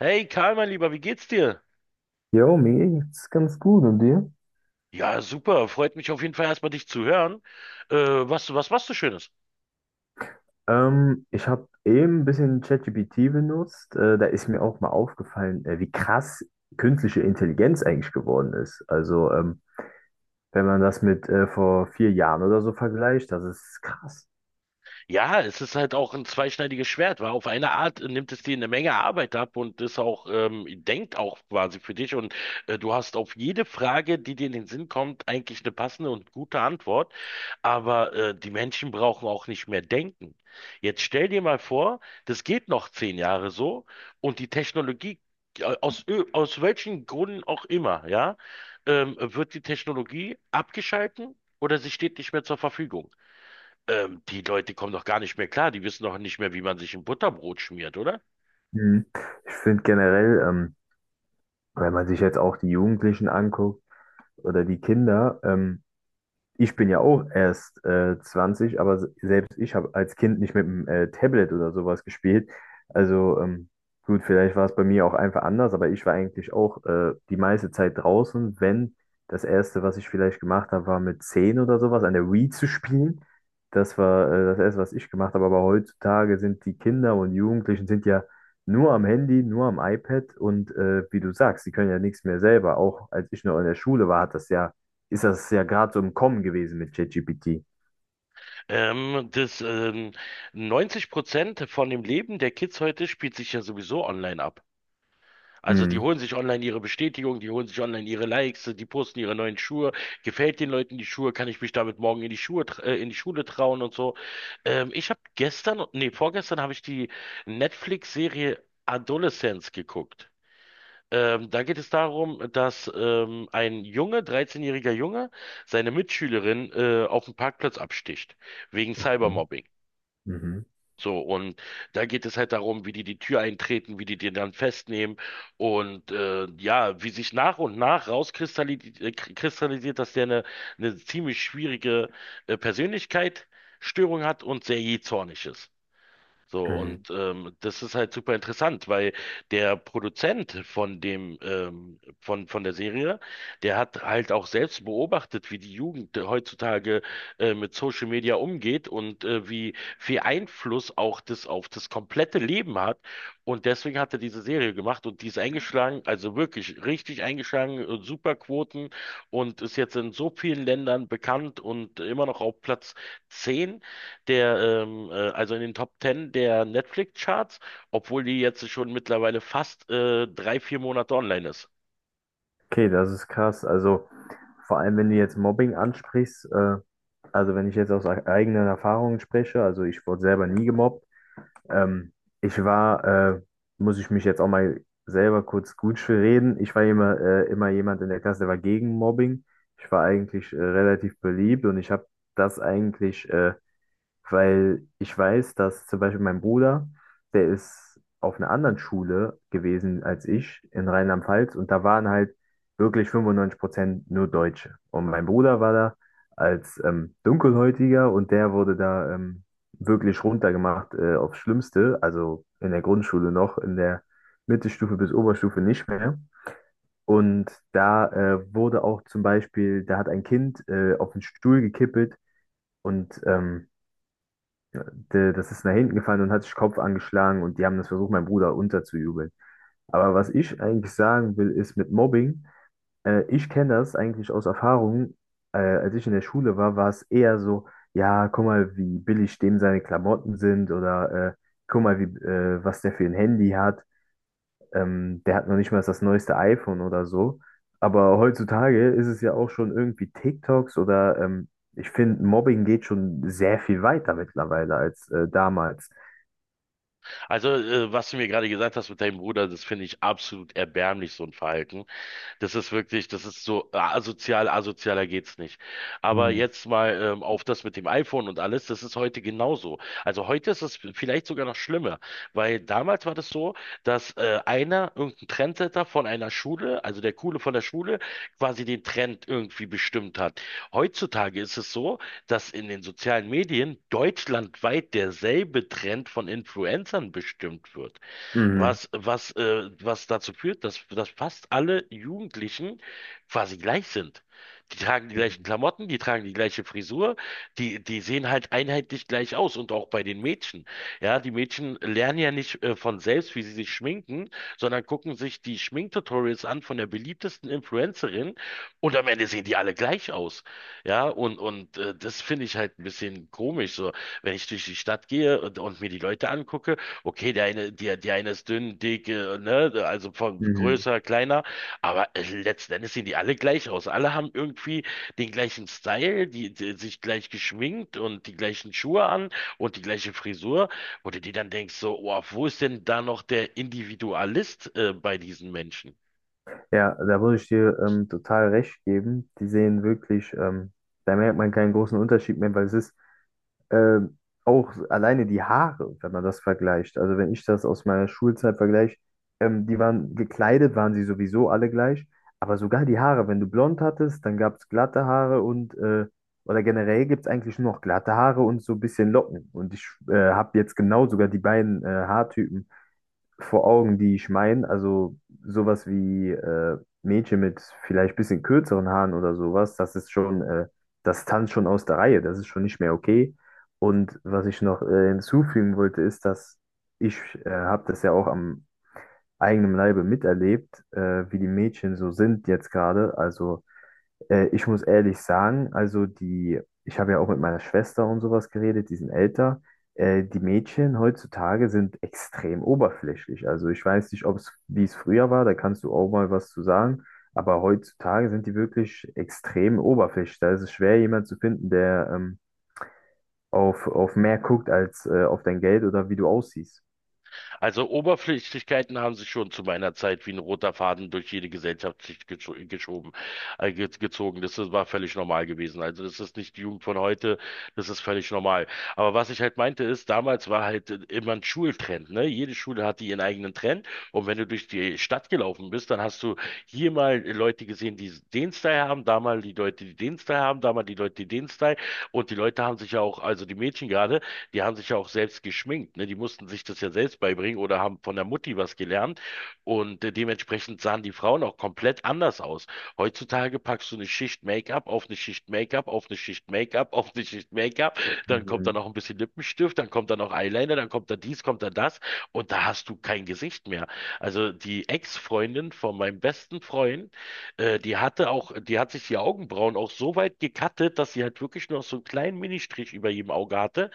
Hey Karl, mein Lieber, wie geht's dir? Jo, mir geht's ganz gut und dir? Ja, super. Freut mich auf jeden Fall erstmal dich zu hören. Was machst du Schönes? Ich habe eben ein bisschen ChatGPT benutzt. Da ist mir auch mal aufgefallen, wie krass künstliche Intelligenz eigentlich geworden ist. Also, wenn man das mit vor 4 Jahren oder so vergleicht, das ist krass. Ja, es ist halt auch ein zweischneidiges Schwert, weil auf eine Art nimmt es dir eine Menge Arbeit ab und ist auch, denkt auch quasi für dich und du hast auf jede Frage, die dir in den Sinn kommt, eigentlich eine passende und gute Antwort. Aber die Menschen brauchen auch nicht mehr denken. Jetzt stell dir mal vor, das geht noch 10 Jahre so und die Technologie, aus welchen Gründen auch immer, ja, wird die Technologie abgeschalten oder sie steht nicht mehr zur Verfügung. Die Leute kommen doch gar nicht mehr klar. Die wissen doch nicht mehr, wie man sich ein Butterbrot schmiert, oder? Mhm. Ich finde generell, wenn man sich jetzt auch die Jugendlichen anguckt oder die Kinder. Ich bin ja auch erst 20, aber selbst ich habe als Kind nicht mit dem Tablet oder sowas gespielt. Also, gut, vielleicht war es bei mir auch einfach anders, aber ich war eigentlich auch die meiste Zeit draußen. Wenn Das Erste, was ich vielleicht gemacht habe, war mit 10 oder sowas an der Wii zu spielen. Das war das Erste, was ich gemacht habe. Aber heutzutage sind die Kinder und Jugendlichen sind ja nur am Handy, nur am iPad, und wie du sagst, die können ja nichts mehr selber. Auch als ich noch in der Schule war, hat das ja ist das ja gerade so im Kommen gewesen mit ChatGPT. Ähm, das, ähm, 90% von dem Leben der Kids heute spielt sich ja sowieso online ab. Also die Mhm. holen sich online ihre Bestätigung, die holen sich online ihre Likes, die posten ihre neuen Schuhe. Gefällt den Leuten die Schuhe? Kann ich mich damit morgen in die in die Schule trauen und so? Ich habe gestern, nee, vorgestern habe ich die Netflix-Serie Adolescence geguckt. Da geht es darum, dass ein Junge, dreizehnjähriger Junge, seine Mitschülerin auf dem Parkplatz absticht, wegen Okay. Cybermobbing. Mhm. So, und da geht es halt darum, wie die die Tür eintreten, wie die den dann festnehmen und ja, wie sich nach und nach kristallisiert, dass der eine ziemlich schwierige Persönlichkeitsstörung hat und sehr jähzornig ist. So, Mhm. und das ist halt super interessant, weil der Produzent von der Serie, der hat halt auch selbst beobachtet, wie die Jugend heutzutage mit Social Media umgeht und wie viel Einfluss auch das auf das komplette Leben hat. Und deswegen hat er diese Serie gemacht und die ist eingeschlagen, also wirklich richtig eingeschlagen, super Quoten und ist jetzt in so vielen Ländern bekannt und immer noch auf Platz 10 also in den Top 10 der Netflix-Charts, obwohl die jetzt schon mittlerweile fast 3, 4 Monate online ist. Okay, das ist krass. Also vor allem, wenn du jetzt Mobbing ansprichst, also wenn ich jetzt aus eigenen Erfahrungen spreche, also ich wurde selber nie gemobbt. Ähm, ich war, äh, Muss ich mich jetzt auch mal selber kurz gut für reden. Ich war immer jemand in der Klasse, der war gegen Mobbing. Ich war eigentlich relativ beliebt und ich habe das eigentlich weil ich weiß, dass zum Beispiel mein Bruder, der ist auf einer anderen Schule gewesen als ich in Rheinland-Pfalz, und da waren halt wirklich 95% nur Deutsche. Und mein Bruder war da als Dunkelhäutiger, und der wurde da wirklich runtergemacht, aufs Schlimmste, also in der Grundschule noch, in der Mittelstufe bis Oberstufe nicht mehr. Und da wurde auch zum Beispiel, da hat ein Kind auf den Stuhl gekippelt, und das ist nach hinten gefallen und hat sich Kopf angeschlagen, und die haben das versucht, meinem Bruder unterzujubeln. Aber was ich eigentlich sagen will, ist mit Mobbing, ich kenne das eigentlich aus Erfahrung. Als ich in der Schule war, war es eher so: Ja, guck mal, wie billig dem seine Klamotten sind, oder guck mal, wie, was der für ein Handy hat. Der hat noch nicht mal das neueste iPhone oder so. Aber heutzutage ist es ja auch schon irgendwie TikToks oder ich finde, Mobbing geht schon sehr viel weiter mittlerweile als damals. Also, was du mir gerade gesagt hast mit deinem Bruder, das finde ich absolut erbärmlich, so ein Verhalten. Das ist wirklich, das ist so ah, asozial, asozialer geht's nicht. Aber Mhm. jetzt mal auf das mit dem iPhone und alles, das ist heute genauso. Also heute ist es vielleicht sogar noch schlimmer, weil damals war das so, dass einer, irgendein Trendsetter von einer Schule, also der Coole von der Schule, quasi den Trend irgendwie bestimmt hat. Heutzutage ist es so, dass in den sozialen Medien deutschlandweit derselbe Trend von Influencern bestimmt wird, Mhm. Was dazu führt, dass fast alle Jugendlichen quasi gleich sind. Die tragen die gleichen Mhm. Klamotten, die tragen die gleiche Frisur, die, die sehen halt einheitlich gleich aus und auch bei den Mädchen. Ja, die Mädchen lernen ja nicht von selbst, wie sie sich schminken, sondern gucken sich die Schminktutorials an von der beliebtesten Influencerin und am Ende sehen die alle gleich aus. Ja, und das finde ich halt ein bisschen komisch, so, wenn ich durch die Stadt gehe und mir die Leute angucke. Okay, der eine, der, der eine ist dünn, dick, ne, also von Mhm. größer, kleiner, aber letzten Endes sehen die alle gleich aus. Alle haben irgendwie den gleichen Style, die, die sich gleich geschminkt und die gleichen Schuhe an und die gleiche Frisur, wo du dir dann denkst, so, oh, wo ist denn da noch der Individualist bei diesen Menschen? Ja, da würde ich dir total recht geben. Die sehen wirklich, da merkt man keinen großen Unterschied mehr, weil es ist ähm, auch alleine die Haare, wenn man das vergleicht. Also wenn ich das aus meiner Schulzeit vergleiche, die waren gekleidet, waren sie sowieso alle gleich, aber sogar die Haare: Wenn du blond hattest, dann gab es glatte Haare, oder generell gibt es eigentlich nur noch glatte Haare und so ein bisschen Locken. Und ich habe jetzt genau sogar die beiden Haartypen vor Augen, die ich meine. Also sowas wie Mädchen mit vielleicht bisschen kürzeren Haaren oder sowas, das ist schon, das tanzt schon aus der Reihe, das ist schon nicht mehr okay. Und was ich noch hinzufügen wollte, ist, dass ich habe das ja auch am eigenen Leibe miterlebt, wie die Mädchen so sind jetzt gerade. Also ich muss ehrlich sagen, also ich habe ja auch mit meiner Schwester und sowas geredet, die sind älter. Die Mädchen heutzutage sind extrem oberflächlich. Also ich weiß nicht, ob es, wie es früher war, da kannst du auch mal was zu sagen. Aber heutzutage sind die wirklich extrem oberflächlich. Da ist es schwer, jemanden zu finden, der auf mehr guckt als auf dein Geld oder wie du aussiehst. Also Oberflächlichkeiten haben sich schon zu meiner Zeit wie ein roter Faden durch jede Gesellschaftsschicht geschoben, ge gezogen. Das ist- war völlig normal gewesen. Also das ist nicht die Jugend von heute, das ist völlig normal. Aber was ich halt meinte ist, damals war halt immer ein Schultrend, ne? Jede Schule hatte ihren eigenen Trend. Und wenn du durch die Stadt gelaufen bist, dann hast du hier mal Leute gesehen, die den Style haben, da mal die Leute, die den Style haben, da mal die Leute, die den Style. Und die Leute haben sich ja auch, also die Mädchen gerade, die haben sich ja auch selbst geschminkt, ne? Die mussten sich das ja selbst beibringen oder haben von der Mutti was gelernt und dementsprechend sahen die Frauen auch komplett anders aus. Heutzutage packst du eine Schicht Make-up auf eine Schicht Make-up auf eine Schicht Make-up auf eine Schicht Make-up, dann kommt da Mhm. noch ein bisschen Lippenstift, dann kommt da noch Eyeliner, dann kommt da dies, kommt da das und da hast du kein Gesicht mehr. Also die Ex-Freundin von meinem besten Freund, die hatte auch, die hat sich die Augenbrauen auch so weit gekattet, dass sie halt wirklich noch so einen kleinen Ministrich über jedem Auge hatte.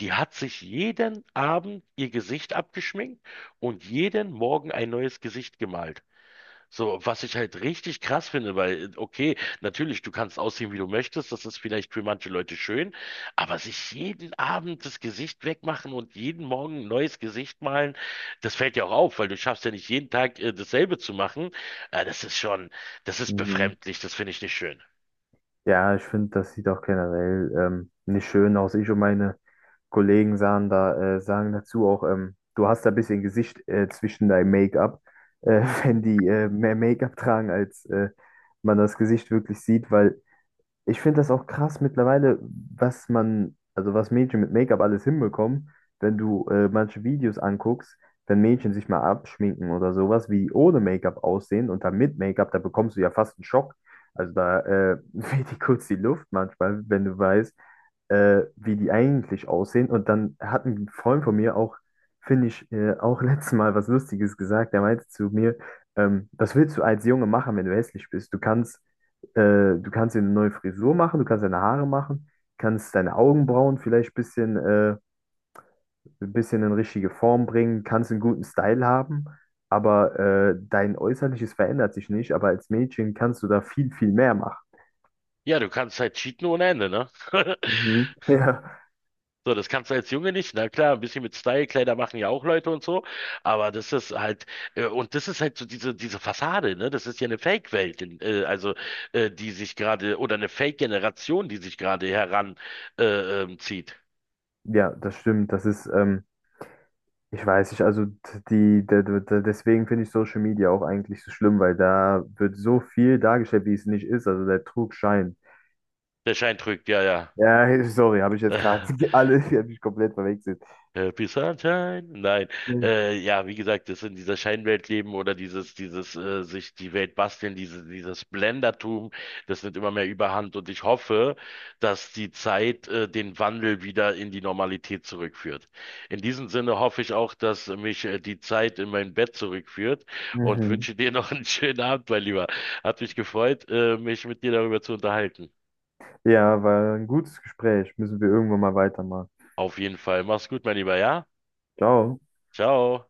Die hat sich jeden Abend ihr Gesicht abgeschminkt und jeden Morgen ein neues Gesicht gemalt. So, was ich halt richtig krass finde, weil, okay, natürlich, du kannst aussehen, wie du möchtest, das ist vielleicht für manche Leute schön, aber sich jeden Abend das Gesicht wegmachen und jeden Morgen ein neues Gesicht malen, das fällt ja auch auf, weil du schaffst ja nicht jeden Tag dasselbe zu machen. Das ist schon, das ist Mhm. befremdlich, das finde ich nicht schön. Ja, ich finde, das sieht auch generell nicht schön aus. Ich und meine Kollegen sagen dazu auch, du hast da ein bisschen Gesicht zwischen deinem Make-up, wenn die mehr Make-up tragen, als man das Gesicht wirklich sieht, weil ich finde das auch krass mittlerweile, also was Mädchen mit Make-up alles hinbekommen. Wenn du manche Videos anguckst, wenn Mädchen sich mal abschminken oder sowas, wie ohne Make-up aussehen und dann mit Make-up, da bekommst du ja fast einen Schock. Also da weht dir kurz die Luft manchmal, wenn du weißt, wie die eigentlich aussehen. Und dann hat ein Freund von mir auch, finde ich, auch letztes Mal was Lustiges gesagt. Der meinte zu mir, was willst du als Junge machen, wenn du hässlich bist? Du kannst dir eine neue Frisur machen, du kannst deine Haare machen, kannst deine Augenbrauen vielleicht ein bisschen in richtige Form bringen, kannst einen guten Style haben, aber dein Äußerliches verändert sich nicht, aber als Mädchen kannst du da viel, viel mehr machen. Ja, du kannst halt cheaten ohne Ende, ne? Mhm. Ja, So, das kannst du als Junge nicht. Na klar, ein bisschen mit Style, Kleider machen ja auch Leute und so, aber das ist halt, und das ist halt so diese, diese Fassade, ne? Das ist ja eine Fake-Welt, also die sich gerade, oder eine Fake-Generation, die sich gerade heran zieht. ja, das stimmt. Das ist, ich weiß nicht, also die, de- de- de- deswegen finde ich Social Media auch eigentlich so schlimm, weil da wird so viel dargestellt, wie es nicht ist. Also der Trug scheint. Der Schein trügt, ja, Ja, sorry, habe ich jetzt gerade ja. alle, die habe ich komplett verwechselt. Happy Sunshine? Nein. Ja, wie gesagt, das in dieser Scheinwelt leben oder dieses, dieses sich die Welt basteln, diese, dieses Blendertum, das nimmt immer mehr Überhand und ich hoffe, dass die Zeit, den Wandel wieder in die Normalität zurückführt. In diesem Sinne hoffe ich auch, dass mich, die Zeit in mein Bett zurückführt und Mhm. wünsche dir noch einen schönen Abend, mein Lieber. Hat mich gefreut, mich mit dir darüber zu unterhalten. Ja, war ein gutes Gespräch. Müssen wir irgendwann mal weitermachen. Auf jeden Fall. Mach's gut, mein Lieber, ja? Ciao. Ciao.